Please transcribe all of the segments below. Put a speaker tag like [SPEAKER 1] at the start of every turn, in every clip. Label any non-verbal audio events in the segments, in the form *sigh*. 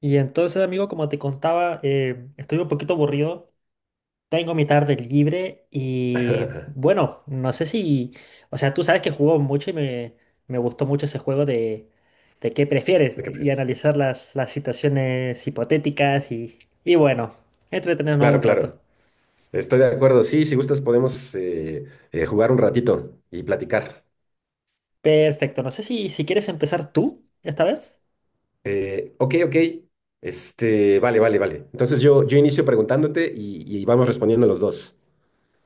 [SPEAKER 1] Y entonces, amigo, como te contaba, estoy un poquito aburrido, tengo mi tarde libre
[SPEAKER 2] *laughs*
[SPEAKER 1] y
[SPEAKER 2] ¿De
[SPEAKER 1] bueno, no sé si, o sea, tú sabes que jugó mucho y me gustó mucho ese juego de qué prefieres
[SPEAKER 2] qué
[SPEAKER 1] y
[SPEAKER 2] prefieres?
[SPEAKER 1] analizar las situaciones hipotéticas y bueno, entretenernos
[SPEAKER 2] Claro,
[SPEAKER 1] un rato.
[SPEAKER 2] claro. Estoy de acuerdo. Sí, si gustas podemos jugar un ratito y platicar.
[SPEAKER 1] Perfecto, no sé si, si quieres empezar tú esta vez.
[SPEAKER 2] Ok, ok. Este, vale, vale, vale. Entonces yo inicio preguntándote y vamos respondiendo los dos.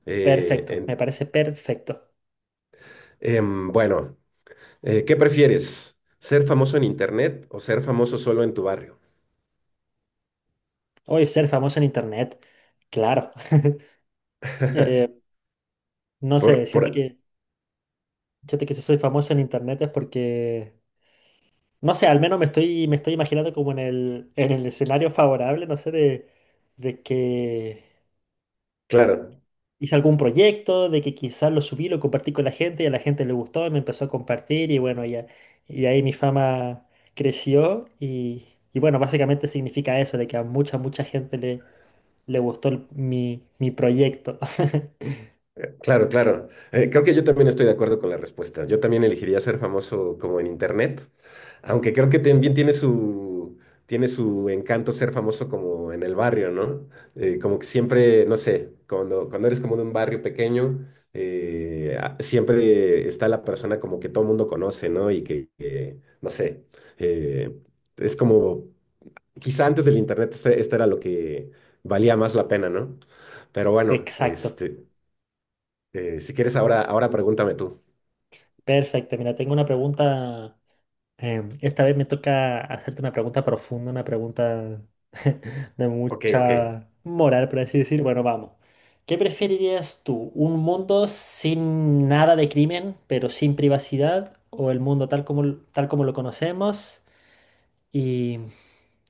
[SPEAKER 2] Eh,
[SPEAKER 1] Perfecto, me
[SPEAKER 2] en-
[SPEAKER 1] parece perfecto.
[SPEAKER 2] bueno, ¿qué prefieres? ¿Ser famoso en internet o ser famoso solo en tu barrio?
[SPEAKER 1] Hoy ser famoso en internet, claro. *laughs* Eh,
[SPEAKER 2] *laughs*
[SPEAKER 1] no sé,
[SPEAKER 2] Por, por,
[SPEAKER 1] siento que... Fíjate que si soy famoso en internet es porque, no sé, al menos me estoy imaginando como en en el escenario favorable, no sé, de que
[SPEAKER 2] claro.
[SPEAKER 1] hice algún proyecto, de que quizás lo subí, lo compartí con la gente y a la gente le gustó y me empezó a compartir y bueno, ya, y ahí mi fama creció y bueno, básicamente significa eso, de que a mucha gente le gustó mi proyecto. *laughs*
[SPEAKER 2] Claro, claro. Creo que yo también estoy de acuerdo con la respuesta. Yo también elegiría ser famoso como en internet, aunque creo que también tiene tiene su encanto ser famoso como en el barrio, ¿no? Como que siempre, no sé, cuando eres como de un barrio pequeño, siempre está la persona como que todo el mundo conoce, ¿no? Y que, no sé, eh, es como, quizá antes del internet este era lo que valía más la pena, ¿no? Pero bueno,
[SPEAKER 1] Exacto,
[SPEAKER 2] este... Si quieres, ahora pregúntame tú.
[SPEAKER 1] perfecto. Mira, tengo una pregunta. Esta vez me toca hacerte una pregunta profunda, una pregunta *laughs* de
[SPEAKER 2] Ok, ok.
[SPEAKER 1] mucha moral, por así decir. Bueno, vamos. ¿Qué preferirías tú? ¿Un mundo sin nada de crimen, pero sin privacidad? ¿O el mundo tal como lo conocemos y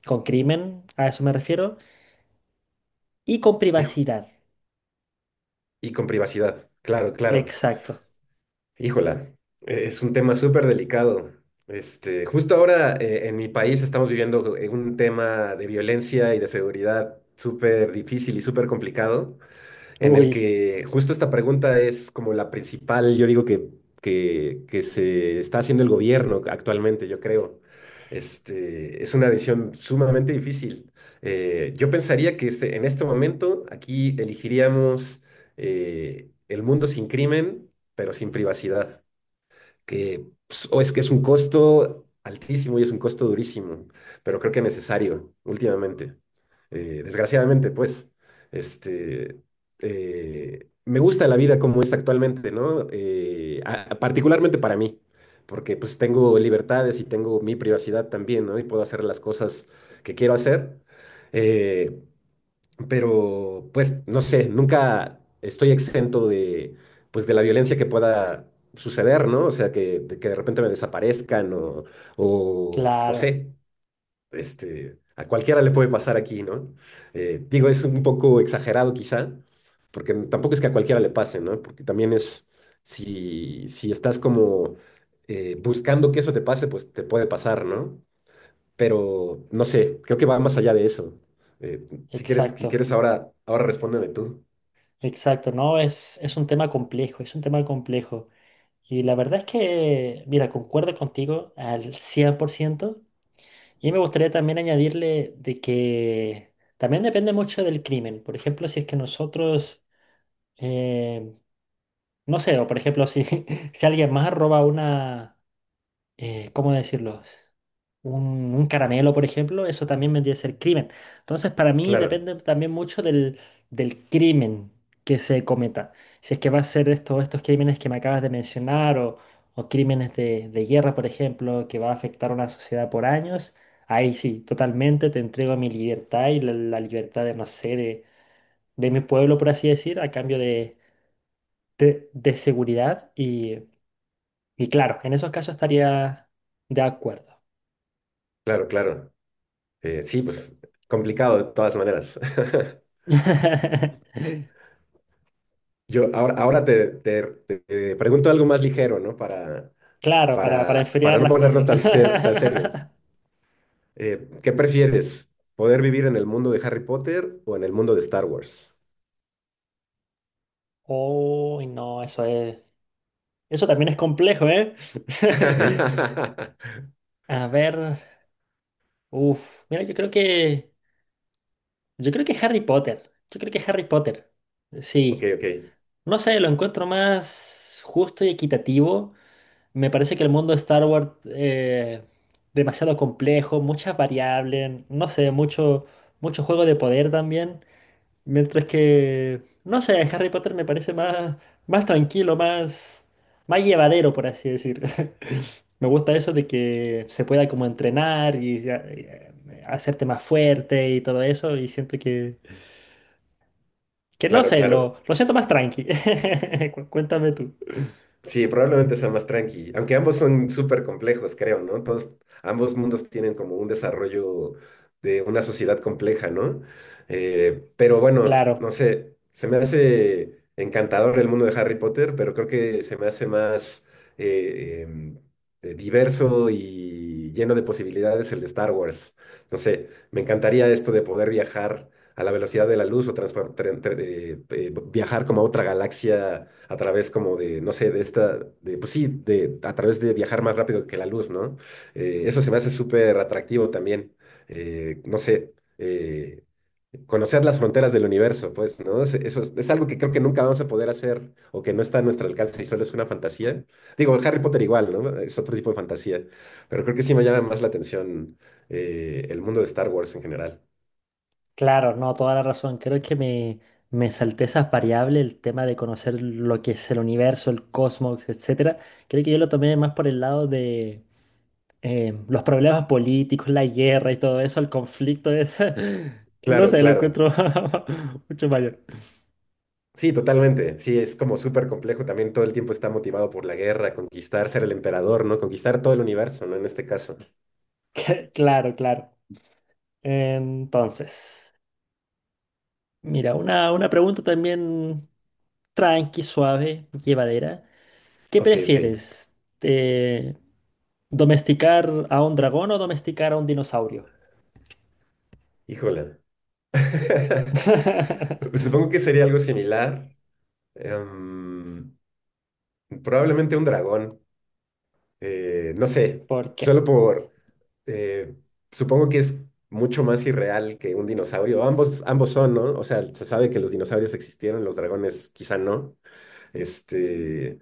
[SPEAKER 1] con crimen, a eso me refiero, y con
[SPEAKER 2] Hijo,
[SPEAKER 1] privacidad?
[SPEAKER 2] y con privacidad. Claro, claro.
[SPEAKER 1] Exacto.
[SPEAKER 2] Híjola, es un tema súper delicado. Este, justo ahora en mi país estamos viviendo un tema de violencia y de seguridad súper difícil y súper complicado. En el
[SPEAKER 1] Uy,
[SPEAKER 2] que justo esta pregunta es como la principal, yo digo que se está haciendo el gobierno actualmente, yo creo. Este, es una decisión sumamente difícil. Yo pensaría que en este momento aquí elegiríamos el mundo sin crimen, pero sin privacidad, que pues, o es que es un costo altísimo y es un costo durísimo, pero creo que necesario últimamente. Desgraciadamente, pues, este, me gusta la vida como es actualmente, ¿no? Particularmente para mí, porque pues tengo libertades y tengo mi privacidad también, ¿no? Y puedo hacer las cosas que quiero hacer. Eh, pero pues no sé, nunca estoy exento de, pues, de la violencia que pueda suceder, ¿no? O sea, de que de repente me desaparezcan o, no
[SPEAKER 1] claro,
[SPEAKER 2] sé, este, a cualquiera le puede pasar aquí, ¿no? Digo, es un poco exagerado quizá, porque tampoco es que a cualquiera le pase, ¿no? Porque también es, si estás como buscando que eso te pase, pues te puede pasar, ¿no? Pero no sé, creo que va más allá de eso. Eh, si quieres, si
[SPEAKER 1] exacto.
[SPEAKER 2] quieres ahora respóndeme tú.
[SPEAKER 1] Exacto, no, es un tema complejo, es un tema complejo. Y la verdad es que, mira, concuerdo contigo al 100 por ciento. Y me gustaría también añadirle de que también depende mucho del crimen. Por ejemplo, si es que nosotros, eh, no sé, o por ejemplo, si, *laughs* si alguien más roba una, ¿cómo decirlo? Un caramelo, por ejemplo, eso también vendría a ser crimen. Entonces, para mí
[SPEAKER 2] Claro,
[SPEAKER 1] depende también mucho del crimen que se cometa. Si es que va a ser esto, estos crímenes que me acabas de mencionar o crímenes de guerra, por ejemplo, que va a afectar a una sociedad por años, ahí sí, totalmente te entrego mi libertad y la libertad de, no sé, de mi pueblo, por así decir, a cambio de seguridad. Y claro, en esos casos estaría de acuerdo.
[SPEAKER 2] claro, claro. Sí, pues complicado de todas maneras. *laughs*
[SPEAKER 1] *laughs*
[SPEAKER 2] Yo ahora te pregunto algo más ligero, ¿no?
[SPEAKER 1] Claro, para enfriar
[SPEAKER 2] Para no
[SPEAKER 1] las cosas.
[SPEAKER 2] ponernos tan, tan serios. ¿Qué prefieres? ¿Poder vivir en el mundo de Harry Potter o en el mundo de Star Wars?
[SPEAKER 1] *laughs* Uy, no, eso es. Eso también es complejo, ¿eh? *laughs*
[SPEAKER 2] *laughs*
[SPEAKER 1] A ver. Uf. Mira, yo creo que. Yo creo que Harry Potter. Yo creo que Harry Potter.
[SPEAKER 2] Ok,
[SPEAKER 1] Sí.
[SPEAKER 2] ok.
[SPEAKER 1] No sé, lo encuentro más justo y equitativo. Me parece que el mundo de Star Wars demasiado complejo, muchas variables, no sé, mucho, mucho juego de poder también. Mientras que, no sé, Harry Potter me parece más, más tranquilo, más, más llevadero, por así decir. *laughs* Me gusta eso de que se pueda como entrenar y hacerte más fuerte y todo eso. Y siento que no
[SPEAKER 2] Claro,
[SPEAKER 1] sé,
[SPEAKER 2] claro.
[SPEAKER 1] lo siento más tranqui. *laughs* Cuéntame tú.
[SPEAKER 2] Sí, probablemente sea más tranqui, aunque ambos son súper complejos, creo, ¿no? Todos, ambos mundos tienen como un desarrollo de una sociedad compleja, ¿no? Pero bueno, no
[SPEAKER 1] Claro,
[SPEAKER 2] sé, se me hace encantador el mundo de Harry Potter, pero creo que se me hace más eh, em, diverso y lleno de posibilidades el de Star Wars. No sé, me encantaría esto de poder viajar a la velocidad de la luz o viajar como a otra galaxia a través como no sé, pues sí, de, a través de viajar más rápido que la luz, ¿no? Eso se me hace súper atractivo también, no sé, eh, conocer las fronteras del universo, pues, ¿no? Eso es algo que creo que nunca vamos a poder hacer o que no está a nuestro alcance y solo es una fantasía. Digo, Harry Potter igual, ¿no? Es otro tipo de fantasía, pero creo que sí me llama más la atención el mundo de Star Wars en general.
[SPEAKER 1] claro, no, toda la razón. Creo que me salté esas variables, el tema de conocer lo que es el universo, el cosmos, etcétera. Creo que yo lo tomé más por el lado de los problemas políticos, la guerra y todo eso, el conflicto es, *laughs* no
[SPEAKER 2] Claro,
[SPEAKER 1] sé, lo
[SPEAKER 2] claro.
[SPEAKER 1] encuentro *laughs* mucho mayor. *laughs*
[SPEAKER 2] Sí, totalmente. Sí, es como súper complejo. También todo el tiempo está motivado por la guerra, conquistar, ser el emperador, ¿no? Conquistar todo el universo, ¿no? En este caso.
[SPEAKER 1] Claro, claro. Entonces, mira, una pregunta también tranqui, suave, llevadera. ¿Qué
[SPEAKER 2] Ok, ok.
[SPEAKER 1] prefieres? Eh, ¿Domesticar a un dragón o domesticar a un dinosaurio?
[SPEAKER 2] Híjola. *laughs*
[SPEAKER 1] *laughs*
[SPEAKER 2] Supongo que sería algo similar. Em, Probablemente un dragón. No sé.
[SPEAKER 1] ¿Por
[SPEAKER 2] Solo
[SPEAKER 1] qué?
[SPEAKER 2] por... eh, supongo que es mucho más irreal que un dinosaurio. Ambos son, ¿no? O sea, se sabe que los dinosaurios existieron, los dragones quizá no. Este...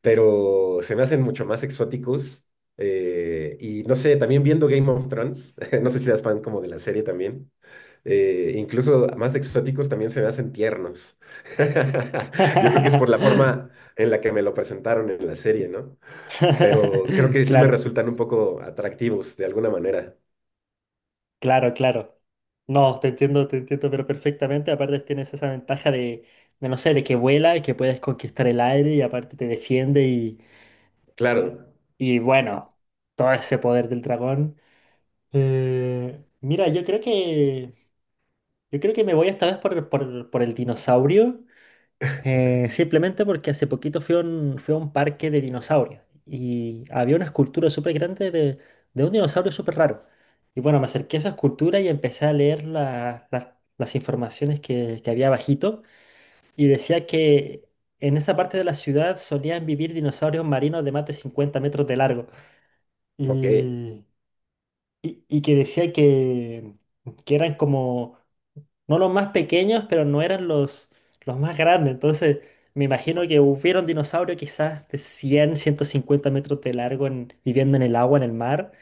[SPEAKER 2] pero se me hacen mucho más exóticos. Y no sé, también viendo Game of Thrones, *laughs* no sé si eres fan como de la serie también, incluso más exóticos también se me hacen tiernos. *laughs* Yo creo que es por la
[SPEAKER 1] *laughs*
[SPEAKER 2] forma en la que me lo presentaron en la serie, ¿no? Pero creo que sí me
[SPEAKER 1] Claro.
[SPEAKER 2] resultan un poco atractivos de alguna manera.
[SPEAKER 1] Claro, claro. No, te entiendo, pero perfectamente. Aparte tienes esa ventaja de no sé, de que vuela y que puedes conquistar el aire y aparte te defiende
[SPEAKER 2] Claro,
[SPEAKER 1] y bueno, todo ese poder del dragón. Mira, yo creo que me voy esta vez por el dinosaurio. Simplemente porque hace poquito fui a fui a un parque de dinosaurios y había una escultura súper grande de un dinosaurio súper raro. Y bueno, me acerqué a esa escultura y empecé a leer las informaciones que había bajito y decía que en esa parte de la ciudad solían vivir dinosaurios marinos de más de 50 metros de largo
[SPEAKER 2] ok.
[SPEAKER 1] y, y que decía que eran como no los más pequeños, pero no eran los más grandes. Entonces, me imagino que hubiera un dinosaurio quizás de 100 150 metros de largo viviendo en el agua, en el mar.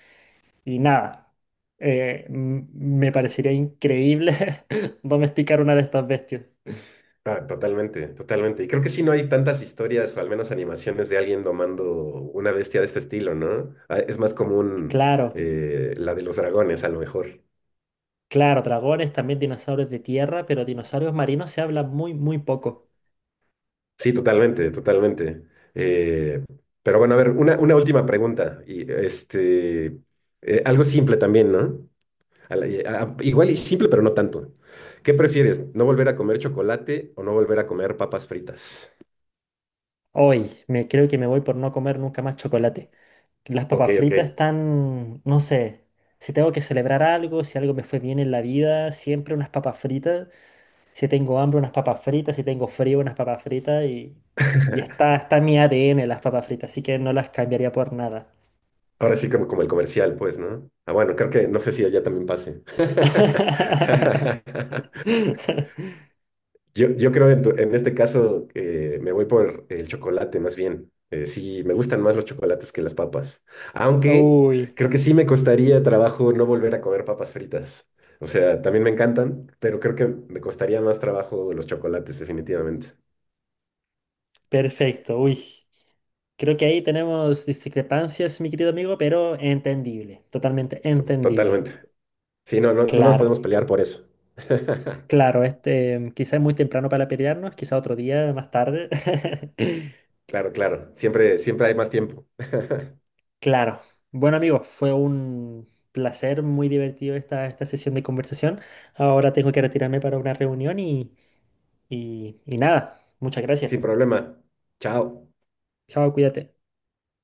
[SPEAKER 1] Y nada, me parecería increíble *laughs* domesticar una de estas bestias.
[SPEAKER 2] Ah, totalmente, totalmente. Y creo que sí no hay tantas historias o al menos animaciones de alguien domando una bestia de este estilo, ¿no? Ah, es más común
[SPEAKER 1] Claro,
[SPEAKER 2] la de los dragones, a lo mejor.
[SPEAKER 1] claro, dragones, también dinosaurios de tierra, pero dinosaurios marinos se habla muy, muy poco.
[SPEAKER 2] Sí, totalmente, totalmente. Eh, pero bueno, a ver, una última pregunta. Y este, algo simple también, ¿no? A la- y- a- Igual y simple, pero no tanto. ¿Qué prefieres? ¿No volver a comer chocolate o no volver a comer papas fritas?
[SPEAKER 1] Hoy, me creo que me voy por no comer nunca más chocolate. Las
[SPEAKER 2] Ok,
[SPEAKER 1] papas
[SPEAKER 2] ok.
[SPEAKER 1] fritas están, no sé, si tengo que celebrar algo, si algo me fue bien en la vida, siempre unas papas fritas. Si tengo hambre, unas papas fritas. Si tengo frío, unas papas fritas. Y está en mi ADN las papas fritas, así que no las cambiaría por nada.
[SPEAKER 2] Ahora sí, como el comercial, pues, ¿no? Ah, bueno, creo que no sé si allá también pase.
[SPEAKER 1] *laughs*
[SPEAKER 2] *laughs* Yo creo en este caso me voy por el chocolate más bien. Sí, me gustan más los chocolates que las papas. Aunque
[SPEAKER 1] Uy,
[SPEAKER 2] creo que sí me costaría trabajo no volver a comer papas fritas. O sea, también me encantan, pero creo que me costaría más trabajo los chocolates, definitivamente.
[SPEAKER 1] perfecto, uy. Creo que ahí tenemos discrepancias, mi querido amigo, pero entendible, totalmente entendible.
[SPEAKER 2] Totalmente. Sí, no nos
[SPEAKER 1] Claro.
[SPEAKER 2] podemos pelear por eso. *laughs*
[SPEAKER 1] Claro, este, quizá es muy temprano para pelearnos, quizá otro día más tarde. *laughs*
[SPEAKER 2] Claro, claro. Siempre, siempre hay más tiempo.
[SPEAKER 1] Claro. Bueno, amigos, fue un placer, muy divertido esta sesión de conversación. Ahora tengo que retirarme para una reunión y nada, muchas gracias.
[SPEAKER 2] Sin problema. Chao.
[SPEAKER 1] Chao, cuídate.